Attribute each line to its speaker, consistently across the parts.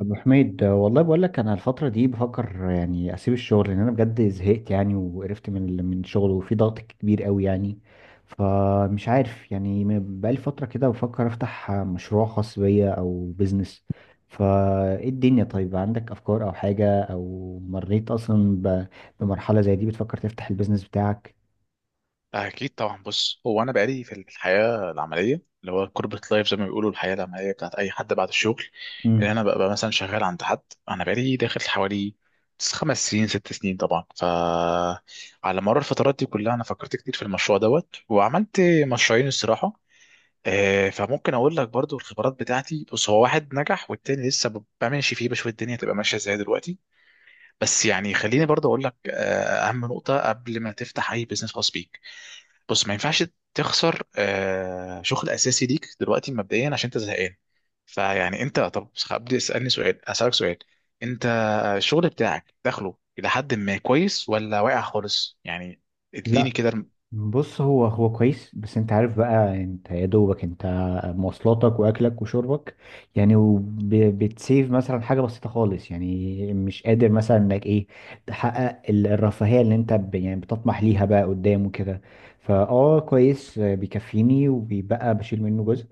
Speaker 1: أبو حميد والله بقول لك أنا الفترة دي بفكر يعني أسيب الشغل لأن أنا بجد زهقت يعني وقرفت من الشغل وفي ضغط كبير قوي يعني. فمش عارف يعني بقالي فترة كده بفكر أفتح مشروع خاص بيا أو بيزنس. فإيه الدنيا؟ طيب عندك أفكار أو حاجة أو مريت أصلا بمرحلة زي دي بتفكر تفتح البيزنس بتاعك؟
Speaker 2: أكيد طبعا. بص، هو أنا بقالي في الحياة العملية، اللي هو كوربريت لايف زي ما بيقولوا، الحياة العملية بتاعت أي حد بعد الشغل، اللي
Speaker 1: مم.
Speaker 2: أنا ببقى مثلا شغال عند حد. أنا بقالي داخل حوالي 5 سنين 6 سنين. طبعا فعلى مر الفترات دي كلها أنا فكرت كتير في المشروع دوت، وعملت مشروعين الصراحة. فممكن أقول لك برضو الخبرات بتاعتي. بص، هو واحد نجح والتاني لسه بمشي فيه، بشوف الدنيا تبقى ماشية إزاي دلوقتي. بس يعني خليني برضو أقول لك، أهم نقطة قبل ما تفتح أي بزنس خاص بيك. بص، ما ينفعش تخسر شغل اساسي ليك دلوقتي مبدئيا عشان انت زهقان. فيعني انت، طب ابدا اسالني سؤال اسالك سؤال. انت الشغل بتاعك دخله الى حد ما كويس، ولا واقع خالص يعني؟ اديني
Speaker 1: لا،
Speaker 2: كده
Speaker 1: بص هو كويس، بس انت عارف بقى، انت يا دوبك انت مواصلاتك واكلك وشربك يعني، وبتسيف مثلا حاجه بسيطه خالص، يعني مش قادر مثلا انك ايه، تحقق الرفاهيه اللي انت يعني بتطمح ليها بقى قدام وكده. فاه كويس، بيكفيني وبيبقى بشيل منه جزء.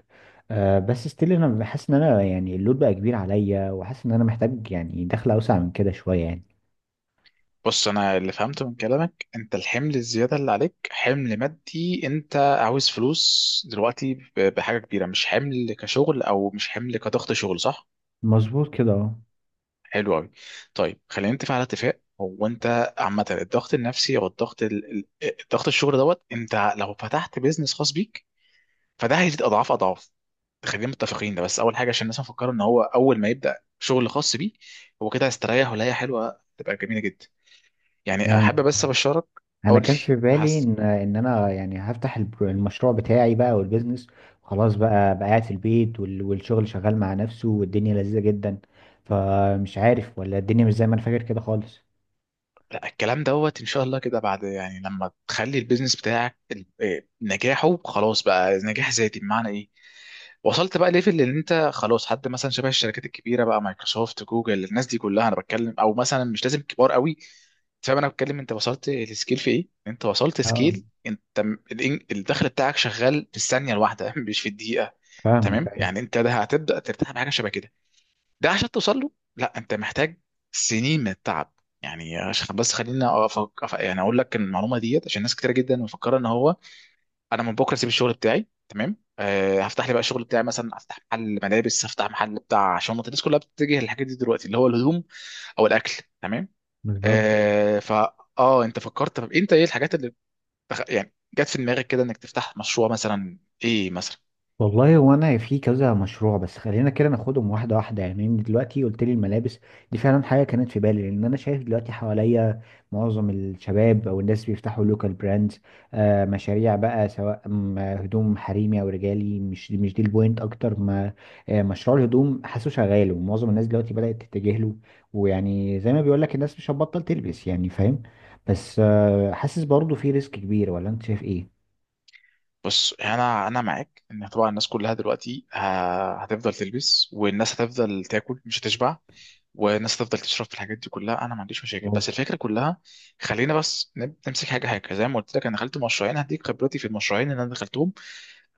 Speaker 1: بس ستيل انا بحس ان انا يعني اللود بقى كبير عليا، وحاسس ان انا محتاج يعني دخل اوسع من كده شويه يعني.
Speaker 2: بص، انا اللي فهمته من كلامك، انت الحمل الزياده اللي عليك حمل مادي، انت عاوز فلوس دلوقتي بحاجه كبيره، مش حمل كشغل او مش حمل كضغط شغل، صح؟
Speaker 1: مظبوط كده، اه.
Speaker 2: حلو قوي. طيب خلينا نتفق على اتفاق. هو انت عامه الضغط النفسي او الضغط الشغل دوت، انت لو فتحت بيزنس خاص بيك فده هيزيد اضعاف اضعاف. خلينا متفقين ده، بس اول حاجه عشان الناس مفكره ان هو اول ما يبدا شغل خاص بيه هو كده هيستريح، ولا هي حلوه تبقى جميله جدا. يعني احب
Speaker 1: يعني
Speaker 2: بس ابشرك.
Speaker 1: انا
Speaker 2: قول لي.
Speaker 1: كان في بالي ان انا يعني هفتح المشروع بتاعي بقى والبيزنس. خلاص بقى قاعد في البيت، والشغل شغال مع نفسه، والدنيا لذيذة جدا. فمش عارف، ولا الدنيا مش زي ما انا فاكر كده خالص؟
Speaker 2: لا، الكلام دوت ان شاء الله كده بعد يعني لما تخلي البيزنس بتاعك ال- إيه، نجاحه خلاص بقى نجاح ذاتي. بمعنى ايه؟ وصلت بقى ليفل اللي انت خلاص، حد مثلا شبه الشركات الكبيره بقى، مايكروسوفت، جوجل، الناس دي كلها انا بتكلم. او مثلا مش لازم كبار قوي، أنت فاهم انا بتكلم، انت وصلت لسكيل في ايه، انت وصلت
Speaker 1: اه،
Speaker 2: سكيل انت الدخل بتاعك شغال في الثانيه الواحده مش في الدقيقه.
Speaker 1: فاهمك،
Speaker 2: تمام،
Speaker 1: ايوه.
Speaker 2: يعني انت ده هتبدا ترتاح بحاجه شبه كده. ده عشان توصل له، لا انت محتاج سنين من التعب يعني. عشان بس خلينا أفك... أف- يعني اقول لك المعلومه ديت، عشان ناس كتير جدا مفكره ان هو انا من بكره اسيب الشغل بتاعي، تمام أه، هفتح لي بقى الشغل بتاعي، مثلا افتح محل ملابس، هفتح محل بتاع شنط. الناس كلها بتتجه للحاجات دي دلوقتي، اللي هو الهدوم او الاكل. تمام.
Speaker 1: بالظبط.
Speaker 2: أه فا انت فكرت، طب انت ايه الحاجات اللي بخ... يعني جت في دماغك كده انك تفتح مشروع مثلا، ايه مثلا؟
Speaker 1: والله هو انا في كذا مشروع، بس خلينا كده ناخدهم واحده واحده. يعني انت دلوقتي قلت لي الملابس، دي فعلا حاجه كانت في بالي، لان انا شايف دلوقتي حواليا معظم الشباب او الناس بيفتحوا لوكال براندز، مشاريع بقى سواء هدوم حريمي او رجالي. مش دي البوينت اكتر ما مشروع الهدوم حاسه شغال، ومعظم الناس دلوقتي بدات تتجه له. ويعني زي ما بيقول لك، الناس مش هتبطل تلبس يعني، فاهم. بس حاسس برضه في ريسك كبير، ولا انت شايف ايه؟
Speaker 2: بص، انا معاك ان طبعا الناس كلها دلوقتي هتفضل تلبس، والناس هتفضل تاكل مش هتشبع، والناس هتفضل تشرب. في الحاجات دي كلها انا ما عنديش مشاكل، بس
Speaker 1: مظبوط
Speaker 2: الفكره كلها. خلينا بس نمسك حاجه حاجه. زي ما قلت لك انا دخلت مشروعين، هديك خبرتي في المشروعين اللي انا دخلتهم.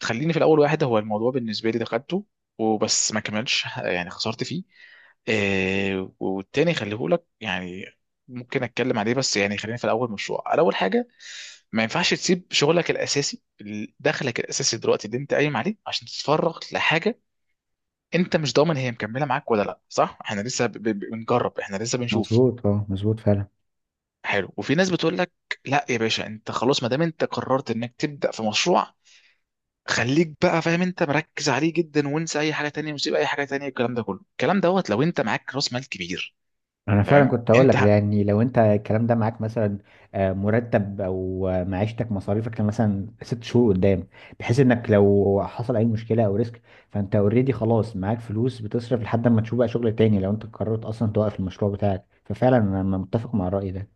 Speaker 2: خليني في الاول واحد، هو الموضوع بالنسبه لي دخلته، وبس ما كملش يعني، خسرت فيه. آه، والتاني خليه لك يعني، ممكن اتكلم عليه. بس يعني خلينا في الاول مشروع. الاول حاجه، ما ينفعش تسيب شغلك الاساسي، دخلك الاساسي دلوقتي اللي انت قايم عليه، عشان تتفرغ لحاجه انت مش ضامن هي مكمله معاك ولا لا، صح؟ احنا لسه بنجرب، احنا لسه بنشوف.
Speaker 1: مظبوط، اه، مظبوط فعلا.
Speaker 2: حلو. وفي ناس بتقول لك، لا يا باشا انت خلاص ما دام انت قررت انك تبدا في مشروع، خليك بقى فاهم انت مركز عليه جدا، وانسى اي حاجه تانية، وسيب اي حاجه تانية. الكلام ده كله، الكلام دوت، لو انت معاك راس مال كبير.
Speaker 1: انا فعلا
Speaker 2: تمام.
Speaker 1: كنت هقول لك ده، يعني لو انت الكلام ده معاك، مثلا مرتب، او معيشتك مصاريفك مثلا 6 شهور قدام، بحيث انك لو حصل اي مشكله او ريسك فانت اوريدي خلاص معاك فلوس بتصرف لحد ما تشوف بقى شغل تاني، لو انت قررت اصلا توقف المشروع بتاعك. ففعلا انا متفق مع الرأي ده.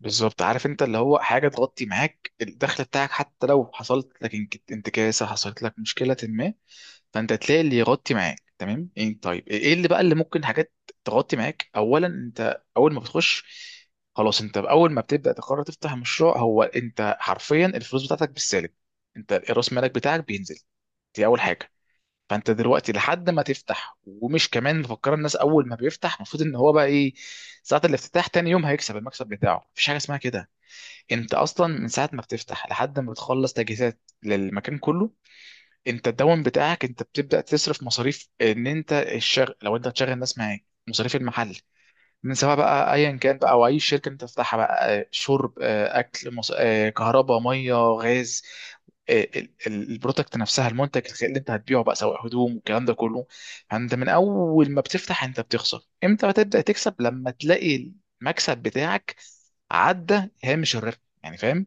Speaker 2: بالظبط. عارف، انت اللي هو حاجه تغطي معاك الدخل بتاعك، حتى لو حصلت لك انتكاسه، حصلت لك مشكله ما، فانت تلاقي اللي يغطي معاك. تمام. إيه طيب، ايه إيه اللي بقى اللي ممكن حاجات تغطي معاك؟ اولا، انت اول ما بتخش، خلاص انت اول ما بتبدا تقرر تفتح مشروع، هو انت حرفيا الفلوس بتاعتك بالسالب، انت راس مالك بتاعك بينزل. دي اول حاجه. فانت دلوقتي لحد ما تفتح، ومش كمان مفكر، الناس اول ما بيفتح المفروض ان هو بقى ايه، ساعه الافتتاح تاني يوم هيكسب المكسب بتاعه. مفيش حاجه اسمها كده. انت اصلا من ساعه ما بتفتح لحد ما بتخلص تجهيزات للمكان كله، انت الدوام بتاعك انت بتبدا تصرف مصاريف، ان انت الشغل لو انت هتشغل ناس معاك، مصاريف المحل، من سواء بقى ايا كان بقى، او اي شركه انت تفتحها بقى، شرب، اكل، مص... آه، كهرباء، ميه، غاز، البرودكت نفسها، المنتج اللي انت هتبيعه بقى سواء هدوم والكلام ده كله. انت من اول ما بتفتح انت بتخسر. امتى بتبدا تكسب؟ لما تلاقي المكسب بتاعك عدى هامش الربح، يعني فاهم.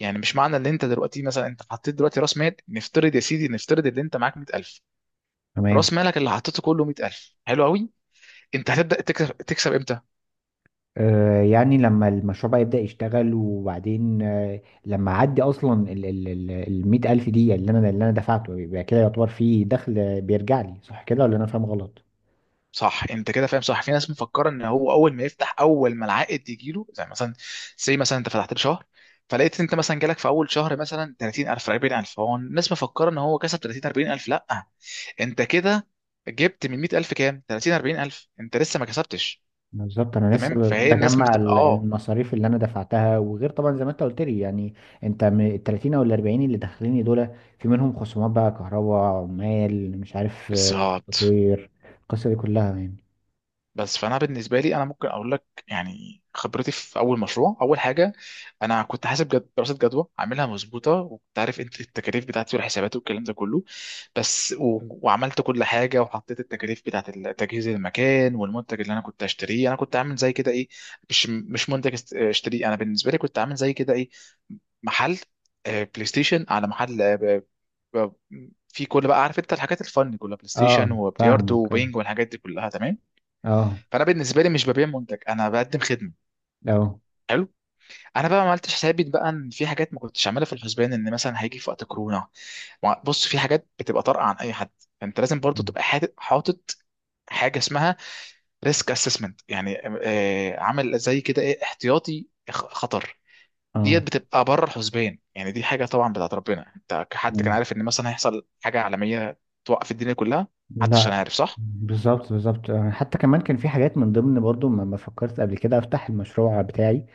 Speaker 2: يعني مش معنى ان انت دلوقتي مثلا، انت حطيت دلوقتي راس مال، نفترض يا سيدي، نفترض ان انت معاك 100000،
Speaker 1: تمام.
Speaker 2: راس مالك اللي حطيته كله 100000، حلو قوي. انت هتبدا تكسب، تكسب امتى؟
Speaker 1: يعني لما المشروع بقى يبدأ يشتغل، وبعدين لما عدي اصلا ال 100 ألف دي اللي انا دفعته، يبقى كده يعتبر في دخل بيرجع لي، صح كده ولا انا فاهم غلط؟
Speaker 2: صح انت كده فاهم، صح. في ناس مفكره ان هو اول ما يفتح، اول ما العائد يجي له، زي مثلا، زي مثلا انت فتحت له شهر، فلقيت انت مثلا جالك في اول شهر مثلا 30000 40000، هو الناس مفكره ان هو كسب 30 40000، لا. انت كده جبت من 100000 كام؟ 30 40000، انت لسه ما كسبتش.
Speaker 1: بالظبط. انا لسه
Speaker 2: تمام، فهي الناس
Speaker 1: بجمع
Speaker 2: بتبقى
Speaker 1: المصاريف اللي انا دفعتها، وغير طبعا زي ما انت قلت لي يعني. انت من ال 30 او ال 40 اللي داخليني دول، في منهم خصومات بقى، كهرباء، عمال، مش عارف،
Speaker 2: بالظبط.
Speaker 1: تطوير، القصه دي كلها يعني.
Speaker 2: بس فانا بالنسبه لي، انا ممكن اقول لك يعني خبرتي في اول مشروع. اول حاجه، انا كنت حاسب دراسه جدوى عاملها مظبوطه، وكنت عارف انت التكاليف بتاعتي والحسابات والكلام ده كله. بس وعملت كل حاجه، وحطيت التكاليف بتاعت تجهيز المكان، والمنتج اللي انا كنت هشتريه. انا كنت عامل زي كده ايه، مش منتج اشتريه. انا بالنسبه لي كنت عامل زي كده ايه، محل بلاي ستيشن، على محل ب- في كل، بقى عارف انت، الحاجات الفن كلها، بلاي
Speaker 1: اه،
Speaker 2: ستيشن وبلياردو
Speaker 1: فاهمك، اه،
Speaker 2: وبينج والحاجات دي كلها. تمام.
Speaker 1: اه،
Speaker 2: فانا بالنسبه لي مش ببيع منتج، انا بقدم خدمه.
Speaker 1: اه.
Speaker 2: حلو. انا بقى ما عملتش حسابي بقى، ان في حاجات ما كنتش عاملها في الحسبان، ان مثلا هيجي في وقت كورونا. بص، في حاجات بتبقى طارئه عن اي حد. فانت لازم برضو تبقى حاطط حاجه اسمها ريسك اسسمنت، يعني عامل زي كده ايه، احتياطي خطر. ديت بتبقى بره الحسبان، يعني دي حاجه طبعا بتاعت ربنا. انت كحد
Speaker 1: آه.
Speaker 2: كان عارف ان مثلا هيحصل حاجه عالميه توقف الدنيا كلها؟ محدش
Speaker 1: لا.
Speaker 2: كان عارف، صح.
Speaker 1: بالظبط، بالظبط، حتى كمان كان في حاجات من ضمن برضو ما فكرت قبل كده افتح المشروع بتاعي.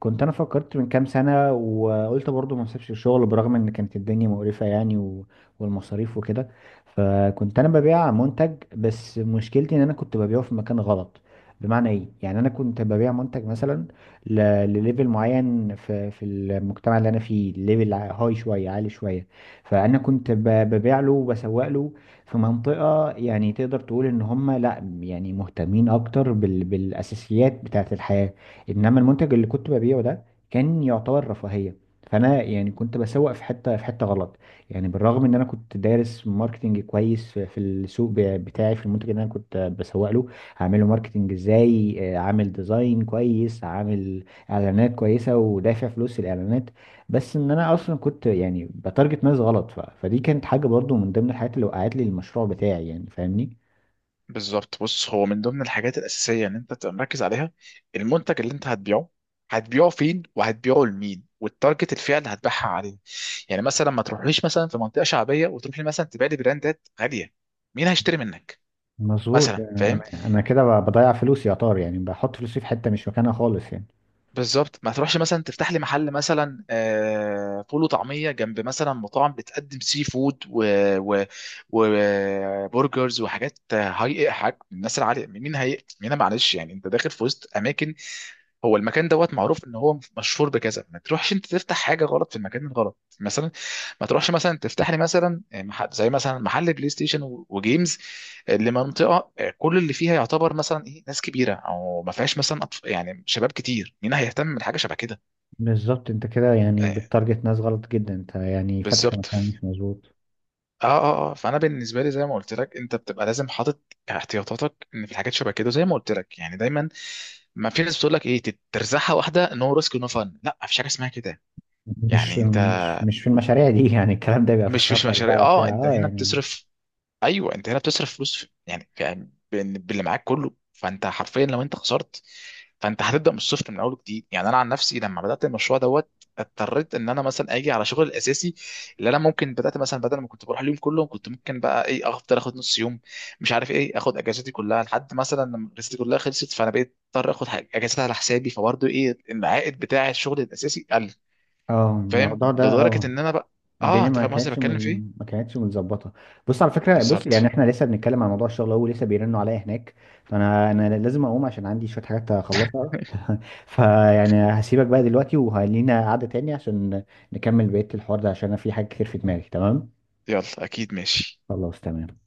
Speaker 1: كنت انا فكرت من كام سنه، وقلت برضو ما اسيبش الشغل برغم ان كانت الدنيا مقرفه يعني والمصاريف وكده. فكنت انا ببيع منتج، بس مشكلتي ان انا كنت ببيعه في مكان غلط. بمعنى ايه؟ يعني انا كنت ببيع منتج مثلا ل... لليفل معين في المجتمع اللي انا فيه، ليفل هاي شويه، عالي شويه. فانا كنت ببيع له وبسوق له في منطقة، يعني تقدر تقول ان هم لا، يعني مهتمين اكتر بالاساسيات بتاعة الحياة، انما المنتج اللي كنت ببيعه ده كان يعتبر رفاهية. فانا يعني كنت بسوق في حتة غلط يعني. بالرغم ان انا كنت دارس ماركتنج كويس، في السوق بتاعي، في المنتج اللي انا كنت بسوق له، هعمله ماركتنج ازاي، عامل ديزاين كويس، عامل اعلانات كويسة، ودافع فلوس الاعلانات. بس ان انا اصلا كنت يعني بتارجت ناس غلط، فدي كانت حاجه برضو من ضمن الحاجات اللي وقعت لي المشروع بتاعي، يعني فاهمني.
Speaker 2: بالظبط. بص، هو من ضمن الحاجات الأساسية إن أنت تبقى مركز عليها المنتج اللي أنت هتبيعه، هتبيعه فين، وهتبيعه لمين، والتارجت الفئة اللي هتبيعها عليه. يعني مثلا ما تروحليش مثلا في منطقة شعبية وتروح لي مثلا تبيع لي براندات غالية، مين هيشتري منك
Speaker 1: مظبوط.
Speaker 2: مثلا؟ فاهم.
Speaker 1: انا كده بضيع فلوسي يا طار، يعني بحط فلوسي في حته مش مكانها خالص يعني.
Speaker 2: بالظبط. ما تروحش مثلا تفتح لي محل مثلا فول وطعمية جنب مثلا مطاعم بتقدم سي فود وبرجرز وبرجرز وحاجات هاي، حاجات الناس العالية، مين هي مين، معلش. يعني انت داخل في وسط اماكن، هو المكان دوت معروف ان هو مشهور بكذا، ما تروحش انت تفتح حاجه غلط في المكان الغلط. مثلا ما تروحش مثلا تفتح لي مثلا زي مثلا محل بلاي ستيشن وجيمز لمنطقه كل اللي فيها يعتبر مثلا ايه ناس كبيره، او ما فيهاش مثلا أطف... يعني شباب كتير، مين هيهتم بحاجه شبه كده؟
Speaker 1: بالظبط، انت كده يعني
Speaker 2: آه،
Speaker 1: بتارجت ناس غلط جدا، انت يعني فاتح
Speaker 2: بالظبط.
Speaker 1: مكان مش مظبوط.
Speaker 2: اه فانا بالنسبه لي زي ما قلت لك، انت بتبقى لازم حاطط احتياطاتك، ان في الحاجات شبه كده. زي ما قلت لك يعني دايما، ما في ناس بتقول لك ايه ترزحها واحده، نو ريسك نو فن، لا مفيش حاجه اسمها كده.
Speaker 1: مش
Speaker 2: يعني انت،
Speaker 1: مش مش في المشاريع دي يعني الكلام ده بيبقى في
Speaker 2: مش مش
Speaker 1: السفر
Speaker 2: مشاريع.
Speaker 1: بقى
Speaker 2: اه
Speaker 1: بتاع،
Speaker 2: انت
Speaker 1: اه
Speaker 2: هنا
Speaker 1: يعني.
Speaker 2: بتصرف، ايوه انت هنا بتصرف فلوس باللي معاك كله. فانت حرفيا لو انت خسرت، فانت هتبدا من الصفر من اول جديد. يعني انا عن نفسي لما بدات المشروع دوت، اضطريت ان انا مثلا اجي على شغل الاساسي اللي انا، ممكن بدات مثلا، بدل ما كنت بروح اليوم كله كنت ممكن بقى ايه افضل اخد نص يوم، مش عارف ايه، اخد اجازتي كلها، لحد مثلا لما اجازتي كلها خلصت، فانا بقيت اضطر اخد اجازات على حسابي، فبرضه ايه العائد بتاع الشغل الاساسي قل.
Speaker 1: اه، الموضوع
Speaker 2: فاهم
Speaker 1: ده،
Speaker 2: لدرجه
Speaker 1: اه،
Speaker 2: ان انا بقى، اه
Speaker 1: الدنيا
Speaker 2: انت فاهم قصدي بتكلم في ايه.
Speaker 1: ما كانتش متظبطه. بص على فكره، بص يعني
Speaker 2: بالظبط.
Speaker 1: احنا لسه بنتكلم عن موضوع الشغل، هو لسه بيرنوا عليا هناك، فانا لازم اقوم عشان عندي شويه حاجات اخلصها فيعني هسيبك بقى دلوقتي، وهلينا قعده تاني عشان نكمل بقيه الحوار ده، عشان انا في حاجات كتير في دماغي. تمام.
Speaker 2: يلا، اكيد، ماشي.
Speaker 1: خلاص، تمام.